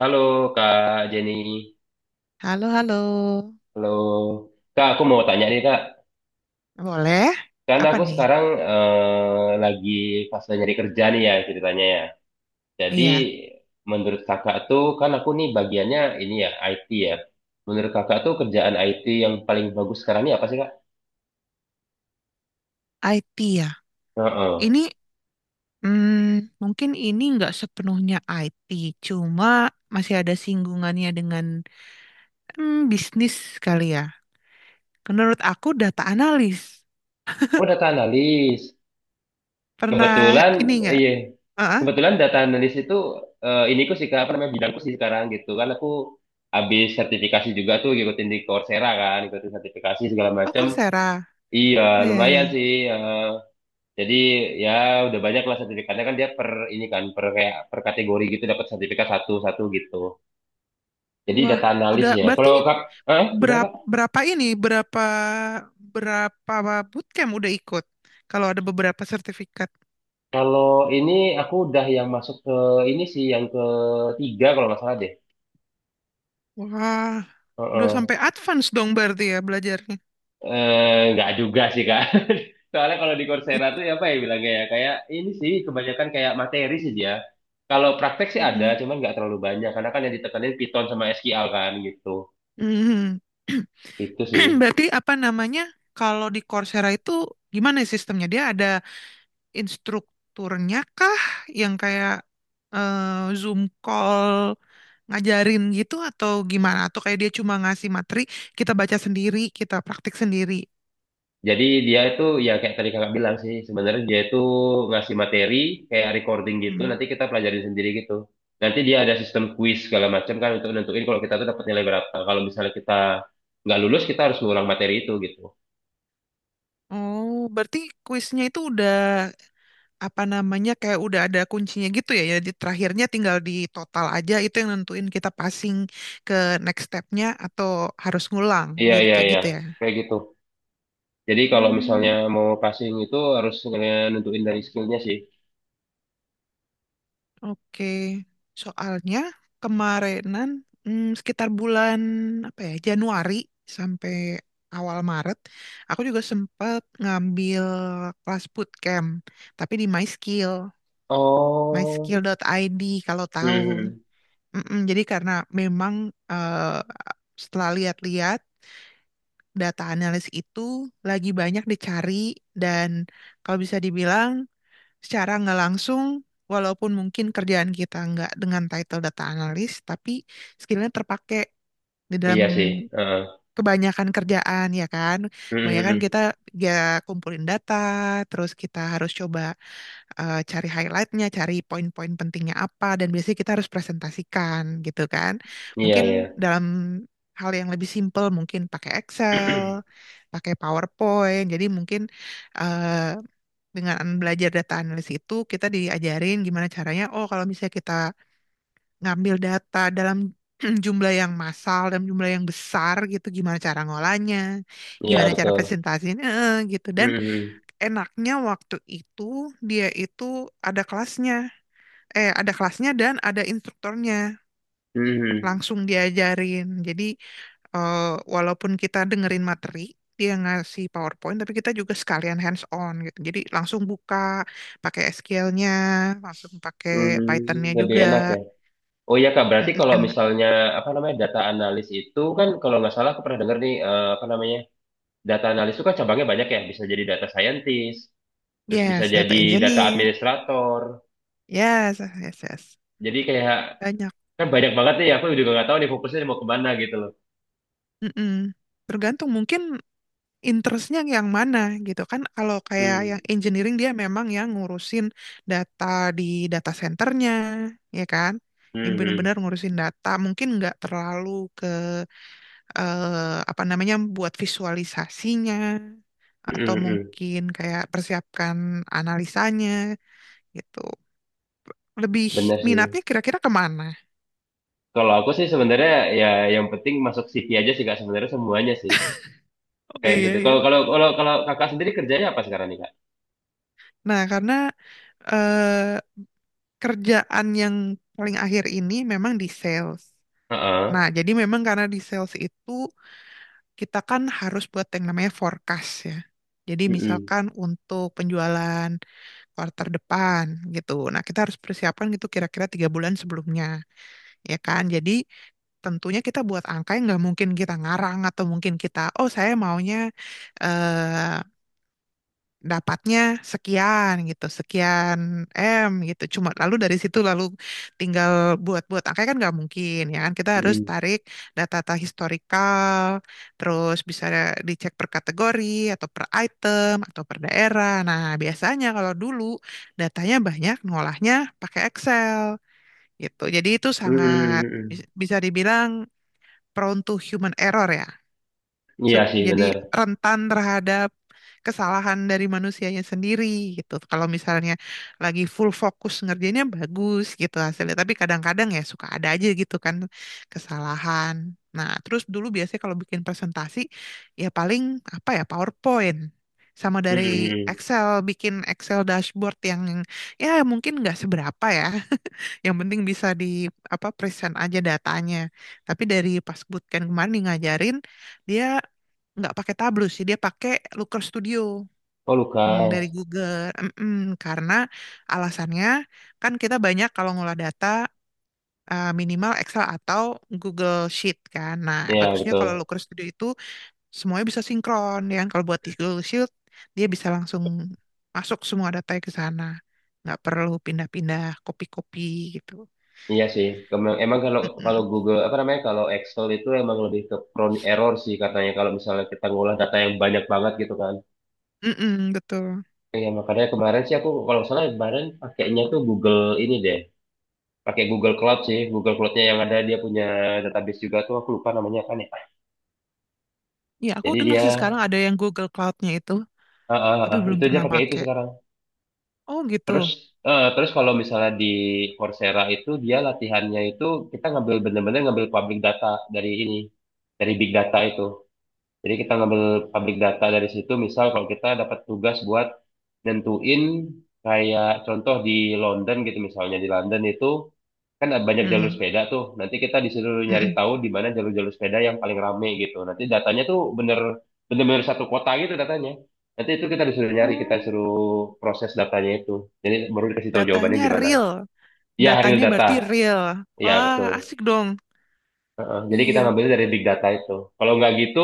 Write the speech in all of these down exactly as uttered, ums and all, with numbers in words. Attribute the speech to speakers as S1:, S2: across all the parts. S1: Halo Kak Jenny,
S2: Halo, halo.
S1: halo Kak. Aku mau tanya nih Kak,
S2: Boleh?
S1: karena
S2: Apa
S1: aku
S2: nih?
S1: sekarang eh, lagi pas nyari kerja nih ya ceritanya ya. Jadi
S2: Iya,
S1: menurut Kakak tuh kan aku nih bagiannya ini ya I T ya. Menurut Kakak tuh kerjaan I T yang paling bagus sekarang ini apa sih Kak?
S2: I T ya.
S1: Heeh.
S2: Ini hmm, mungkin ini nggak sepenuhnya I T, cuma masih ada singgungannya dengan hmm, bisnis kali ya. Menurut aku data analis.
S1: Oh data analis.
S2: Pernah
S1: Kebetulan,
S2: ini nggak?
S1: iya.
S2: Heeh.
S1: Kebetulan data analis itu eh, iniku sih Kak, apa namanya bidangku sih sekarang gitu kan aku habis sertifikasi juga tuh ngikutin di Coursera kan, ngikutin sertifikasi segala
S2: Oh,
S1: macam.
S2: Coursera.
S1: Iya,
S2: Oh, iya, iya.
S1: lumayan sih. Eh, jadi ya udah banyak lah sertifikatnya kan dia per ini kan per kayak per kategori gitu dapat sertifikat satu-satu gitu. Jadi
S2: Wah,
S1: data analis
S2: udah
S1: ya.
S2: berarti
S1: Kalau Kak, eh gimana Kak?
S2: berapa, berapa ini, berapa berapa bootcamp udah ikut? Kalau ada beberapa sertifikat.
S1: Kalau ini aku udah yang masuk ke ini sih yang ketiga kalau nggak salah deh.
S2: Wah, udah
S1: Heeh.
S2: sampai advance dong berarti ya belajarnya.
S1: Eh, nggak juga sih kak. Soalnya kalau di Coursera tuh ya apa ya bilangnya ya kayak ini sih kebanyakan kayak materi sih dia. Kalau praktek sih ada,
S2: Mm-mm.
S1: cuman nggak terlalu banyak karena kan yang ditekanin Python sama S Q L kan gitu.
S2: Mhm.
S1: Itu sih.
S2: Berarti apa namanya? Kalau di Coursera itu gimana ya sistemnya? Dia ada instrukturnya kah yang kayak eh, Zoom call ngajarin gitu atau gimana? Atau kayak dia cuma ngasih materi, kita baca sendiri, kita praktik sendiri.
S1: Jadi dia itu ya kayak tadi kakak bilang sih sebenarnya dia itu ngasih materi kayak recording gitu.
S2: Hmm.
S1: Nanti kita pelajarin sendiri gitu. Nanti dia ada sistem quiz segala macam kan untuk nentuin kalau kita tuh dapat nilai berapa. Kalau misalnya kita nggak lulus kita harus ngulang materi itu gitu.
S2: Oh, berarti kuisnya itu udah apa namanya kayak udah ada kuncinya gitu ya. Jadi terakhirnya tinggal di total aja itu yang nentuin kita passing ke next stepnya atau harus ngulang
S1: Iya
S2: gitu
S1: iya
S2: kayak
S1: iya
S2: gitu ya.
S1: kayak gitu. Jadi kalau misalnya
S2: Hmm,
S1: mau passing itu harus nge- nentuin dari skillnya sih.
S2: oke. Soalnya kemarinan hmm, sekitar bulan apa ya Januari sampai awal Maret, aku juga sempat ngambil kelas bootcamp, tapi di MySkill,
S1: Oh,
S2: myskill.id kalau tahu.
S1: hmm,
S2: Mm-mm. Jadi karena memang eh, setelah lihat-lihat data analis itu lagi banyak dicari, dan kalau bisa dibilang secara nggak langsung, walaupun mungkin kerjaan kita nggak dengan title data analis tapi skillnya terpakai di dalam
S1: iya sih. Heeh.
S2: kebanyakan kerjaan, ya kan?
S1: Hmm, hmm,
S2: Kebanyakan kita
S1: hmm.
S2: ya kumpulin data terus kita harus coba eh, cari highlightnya, cari poin-poin pentingnya apa, dan biasanya kita harus presentasikan gitu kan.
S1: Iya
S2: Mungkin
S1: iya,
S2: dalam hal yang lebih simpel mungkin pakai Excel, pakai PowerPoint. Jadi mungkin eh, dengan belajar data analis itu kita diajarin gimana caranya, oh kalau misalnya kita ngambil data dalam jumlah yang massal dan jumlah yang besar gitu gimana cara ngolahnya,
S1: iya
S2: gimana cara
S1: betul.
S2: presentasinya eh, gitu.
S1: Hmm,
S2: Dan
S1: hmm,
S2: enaknya waktu itu dia itu ada kelasnya eh ada kelasnya dan ada instrukturnya
S1: hmm. Hmm,
S2: langsung diajarin. Jadi eh, walaupun kita dengerin materi, dia ngasih PowerPoint tapi kita juga sekalian hands on gitu. Jadi langsung buka pakai S Q L-nya, langsung pakai Python-nya
S1: Hmm, lebih
S2: juga.
S1: enak ya. Oh iya Kak, berarti
S2: Mm,
S1: kalau
S2: enak.
S1: misalnya apa namanya data analis itu kan kalau nggak salah aku pernah dengar nih eh, apa namanya data analis itu kan cabangnya banyak ya. Bisa jadi data scientist, terus bisa
S2: Yes,
S1: jadi
S2: data
S1: data
S2: engineer.
S1: administrator.
S2: Yes, yes, yes.
S1: Jadi kayak
S2: Banyak.
S1: kan banyak banget nih. Aku juga nggak tahu nih fokusnya mau kemana gitu loh.
S2: Mm-mm. Tergantung mungkin interestnya yang mana gitu kan. Kalau kayak
S1: Hmm,
S2: yang engineering dia memang yang ngurusin data di data centernya, ya kan? Yang
S1: hmm,
S2: benar-benar ngurusin data mungkin nggak terlalu ke eh, apa namanya, buat visualisasinya atau
S1: hmm, hmm, hmm.
S2: mungkin kayak persiapkan analisanya gitu, lebih
S1: Bener sih.
S2: minatnya kira-kira kemana.
S1: Kalau aku sih sebenarnya ya yang penting masuk C V aja sih kak sebenarnya semuanya sih
S2: Oh,
S1: kayak
S2: iya,
S1: gitu.
S2: iya.
S1: Kalau kalau kalau kalau kakak sendiri kerjanya apa sekarang nih kak?
S2: Nah, karena eh, kerjaan yang paling akhir ini memang di sales.
S1: Heeh.
S2: Nah, jadi memang karena di sales itu kita kan harus buat yang namanya forecast ya. Jadi
S1: Hmm,
S2: misalkan untuk penjualan kuartal depan gitu. Nah, kita harus persiapan gitu kira-kira tiga bulan sebelumnya, ya kan? Jadi tentunya kita buat angka yang nggak mungkin kita ngarang atau mungkin kita, oh saya maunya eh, dapatnya sekian gitu, sekian M gitu. Cuma lalu dari situ lalu tinggal buat-buat angka kan nggak mungkin ya kan. Kita harus
S1: hmm,
S2: tarik data-data historikal, terus bisa dicek per kategori atau per item atau per daerah. Nah, biasanya kalau dulu datanya banyak, ngolahnya pakai Excel gitu. Jadi itu
S1: hmm,
S2: sangat
S1: hmm, hmm.
S2: bis- bisa dibilang prone to human error ya.
S1: Iya
S2: Su-
S1: sih
S2: Jadi
S1: bener.
S2: rentan terhadap kesalahan dari manusianya sendiri gitu. Kalau misalnya lagi full fokus ngerjainnya bagus gitu hasilnya, tapi kadang-kadang ya suka ada aja gitu kan kesalahan. Nah, terus dulu biasanya kalau bikin presentasi ya paling apa ya PowerPoint, sama
S1: Hmm,
S2: dari
S1: hmm, hmm.
S2: Excel bikin Excel dashboard yang ya mungkin nggak seberapa ya, yang penting bisa di apa present aja datanya. Tapi dari pas bootcamp kemarin dia ngajarin dia nggak pakai Tableau sih, dia pakai Looker Studio
S1: Oh
S2: yang dari
S1: Lukas.
S2: Google. Mm-mm. Karena alasannya kan kita banyak kalau ngolah data eh, minimal Excel atau Google Sheet kan. Nah,
S1: Iya
S2: bagusnya kalau
S1: betul.
S2: Looker Studio itu semuanya bisa sinkron, ya kan? Kalau buat di Google Sheet dia bisa langsung masuk semua datanya ke sana. Nggak perlu pindah-pindah kopi-kopi gitu.
S1: Iya sih. Emang, emang kalau kalau
S2: Mm-mm.
S1: Google apa namanya kalau Excel itu emang lebih ke prone error sih katanya kalau misalnya kita ngolah data yang banyak banget gitu kan.
S2: Mm-mm, betul.
S1: Iya, makanya kemarin sih aku kalau nggak salah kemarin pakainya tuh Google ini deh. Pakai Google Cloud sih. Google Cloud-nya yang ada dia punya database juga tuh aku lupa namanya kan ya.
S2: Ya, aku
S1: Jadi
S2: dengar
S1: dia
S2: sih sekarang ada yang Google Cloud-nya itu,
S1: ah, ah,
S2: tapi
S1: ah,
S2: belum
S1: itu dia
S2: pernah
S1: pakai itu
S2: pakai.
S1: sekarang.
S2: Oh, gitu.
S1: Terus eh, terus kalau misalnya di Coursera itu dia latihannya itu kita ngambil bener-bener ngambil public data dari ini, dari big data itu. Jadi kita ngambil pabrik data dari situ, misal kalau kita dapat tugas buat nentuin kayak contoh di London gitu misalnya di London itu kan ada banyak jalur
S2: Mm-mm,
S1: sepeda tuh. Nanti kita disuruh nyari
S2: mm-mm.
S1: tahu di mana jalur-jalur sepeda yang paling rame gitu. Nanti datanya tuh bener bener-bener satu kota gitu datanya. Nanti itu kita disuruh nyari, kita
S2: Oh,
S1: suruh proses datanya itu. Jadi baru dikasih tahu jawabannya
S2: datanya
S1: gimana.
S2: real.
S1: Ya, real
S2: Datanya
S1: data.
S2: berarti real.
S1: Iya,
S2: Wah,
S1: betul.
S2: asik dong.
S1: Heeh, jadi kita
S2: Iya.
S1: ngambil dari big data itu. Kalau nggak gitu,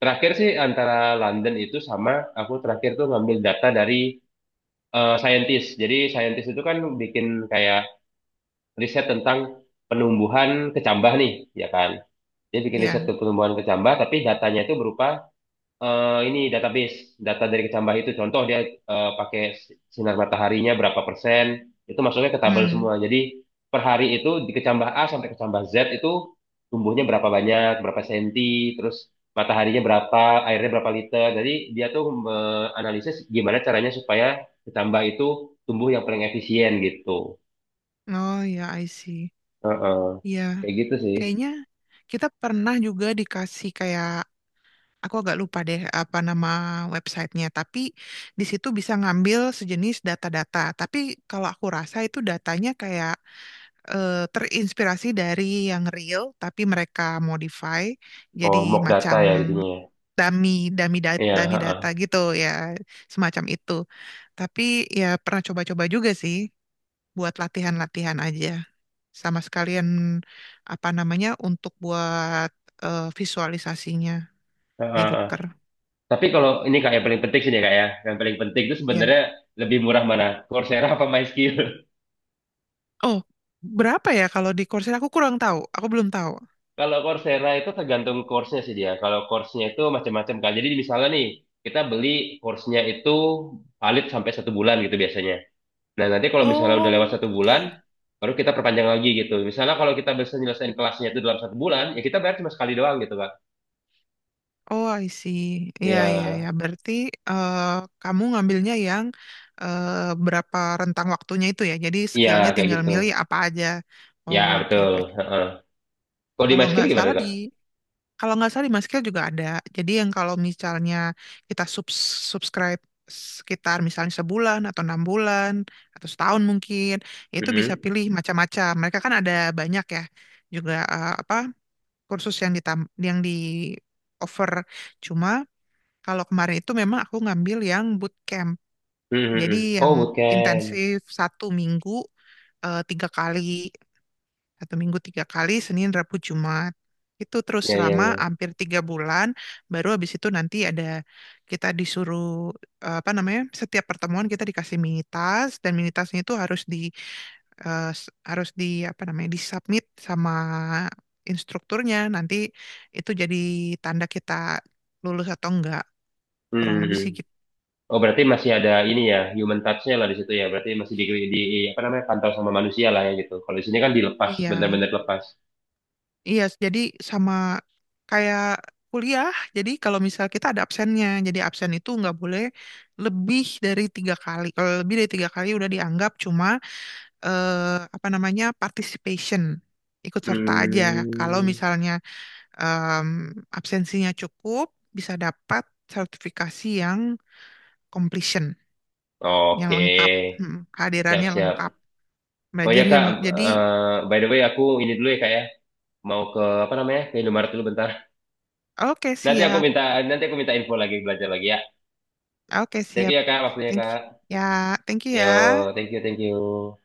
S1: terakhir sih antara London itu sama aku terakhir tuh ngambil data dari eh, scientist. Jadi scientist itu kan bikin kayak riset tentang penumbuhan kecambah nih, ya kan? Dia bikin riset ke
S2: Ya.
S1: penumbuhan kecambah, tapi datanya itu berupa eh, ini database data dari kecambah itu contoh dia eh, pakai sinar mataharinya berapa persen itu masuknya ke tabel
S2: Mm.
S1: semua jadi per hari itu di kecambah A sampai kecambah Z itu tumbuhnya berapa banyak berapa senti terus mataharinya berapa airnya berapa liter jadi dia tuh menganalisis gimana caranya supaya kecambah itu tumbuh yang paling efisien gitu.
S2: Oh, ya, I see.
S1: Heeh.
S2: Iya.
S1: Kayak gitu sih.
S2: Kayaknya kita pernah juga dikasih kayak, aku agak lupa deh apa nama websitenya, tapi di situ bisa ngambil sejenis data-data. Tapi kalau aku rasa itu datanya kayak eh, terinspirasi dari yang real, tapi mereka modify jadi
S1: Oh mock data
S2: macam
S1: ya jadinya ya.
S2: dummy, dummy, da-
S1: Iya,
S2: dummy data
S1: heeh.
S2: gitu ya, semacam itu. Tapi ya pernah coba-coba juga sih buat latihan-latihan aja. Sama sekalian apa namanya untuk buat eh, visualisasinya
S1: Heeh,
S2: di
S1: heeh.
S2: Looker.
S1: Tapi kalau ini kak yang paling penting sih ya kak ya, yang paling penting itu
S2: Ya.
S1: sebenarnya lebih murah mana, Coursera apa MySkill?
S2: Oh, berapa ya kalau di Coursera aku kurang tahu. Aku belum tahu.
S1: Kalau Coursera itu tergantung course-nya sih dia. Kalau course-nya itu macam-macam kak. Jadi misalnya nih kita beli course-nya itu valid sampai satu bulan gitu biasanya. Nah nanti kalau misalnya udah lewat
S2: Oh,
S1: satu
S2: oke.
S1: bulan, baru kita perpanjang lagi gitu. Misalnya kalau kita bisa nyelesain kelasnya itu dalam satu bulan, ya kita bayar cuma sekali doang gitu kak.
S2: Oh, I see. Iya, iya, ya.
S1: Ya,
S2: Berarti eh, kamu ngambilnya yang eh, berapa rentang waktunya itu ya. Jadi
S1: iya
S2: skillnya
S1: kayak
S2: tinggal
S1: gitu.
S2: milih apa aja.
S1: Ya
S2: Oh, oke,
S1: betul.
S2: oke.
S1: Heeh. Kalau di
S2: Kalau nggak
S1: MySkill gimana
S2: salah di
S1: kak?
S2: kalau nggak salah di Maskill juga ada. Jadi yang kalau misalnya kita subs- subscribe sekitar misalnya sebulan atau enam bulan atau setahun mungkin itu bisa
S1: Mhm.
S2: pilih macam-macam. Mereka kan ada banyak ya juga eh, apa kursus yang ditam yang di offer. Cuma kalau kemarin itu memang aku ngambil yang bootcamp.
S1: Mhm,
S2: Jadi
S1: mhm.
S2: yang
S1: Oh, bukan.
S2: intensif satu minggu eh, tiga kali, satu minggu tiga kali, Senin, Rabu, Jumat. Itu terus
S1: Ya, ya,
S2: selama
S1: ya.
S2: hampir tiga bulan. Baru habis itu nanti ada kita disuruh eh, apa namanya? Setiap pertemuan kita dikasih mini task dan mini tasknya itu harus di eh, s- harus di apa namanya? Disubmit sama instrukturnya. Nanti itu jadi tanda kita lulus atau enggak.
S1: Hmm.
S2: Kurang
S1: hmm,
S2: lebih
S1: hmm.
S2: sih gitu.
S1: Oh, berarti masih ada ini ya, human touch-nya lah di situ ya. Berarti masih di, di apa namanya, kantor sama manusia lah ya gitu. Kalau di sini kan dilepas,
S2: Iya.
S1: benar-benar lepas.
S2: Iya, jadi sama kayak kuliah. Jadi kalau misal kita ada absennya, jadi absen itu nggak boleh lebih dari tiga kali. Kalau lebih dari tiga kali udah dianggap cuma eh, apa namanya participation, ikut serta aja. Kalau
S1: Hmm.
S2: misalnya em, absensinya cukup, bisa dapat sertifikasi yang completion, yang
S1: Oke.
S2: lengkap, Hmm,
S1: Siap,
S2: kehadirannya
S1: siap.
S2: lengkap,
S1: Oh ya, Kak,
S2: belajarnya. Jadi
S1: eh, by the way aku ini dulu ya, Kak ya. Mau ke apa namanya? Ke Indomaret dulu bentar.
S2: oke
S1: Nanti aku
S2: siap,
S1: minta nanti aku minta info lagi belajar lagi ya.
S2: oke
S1: Thank you
S2: siap.
S1: ya, Kak, waktunya,
S2: Thank you.
S1: Kak.
S2: Ya, thank you ya.
S1: Yo, thank you, thank you.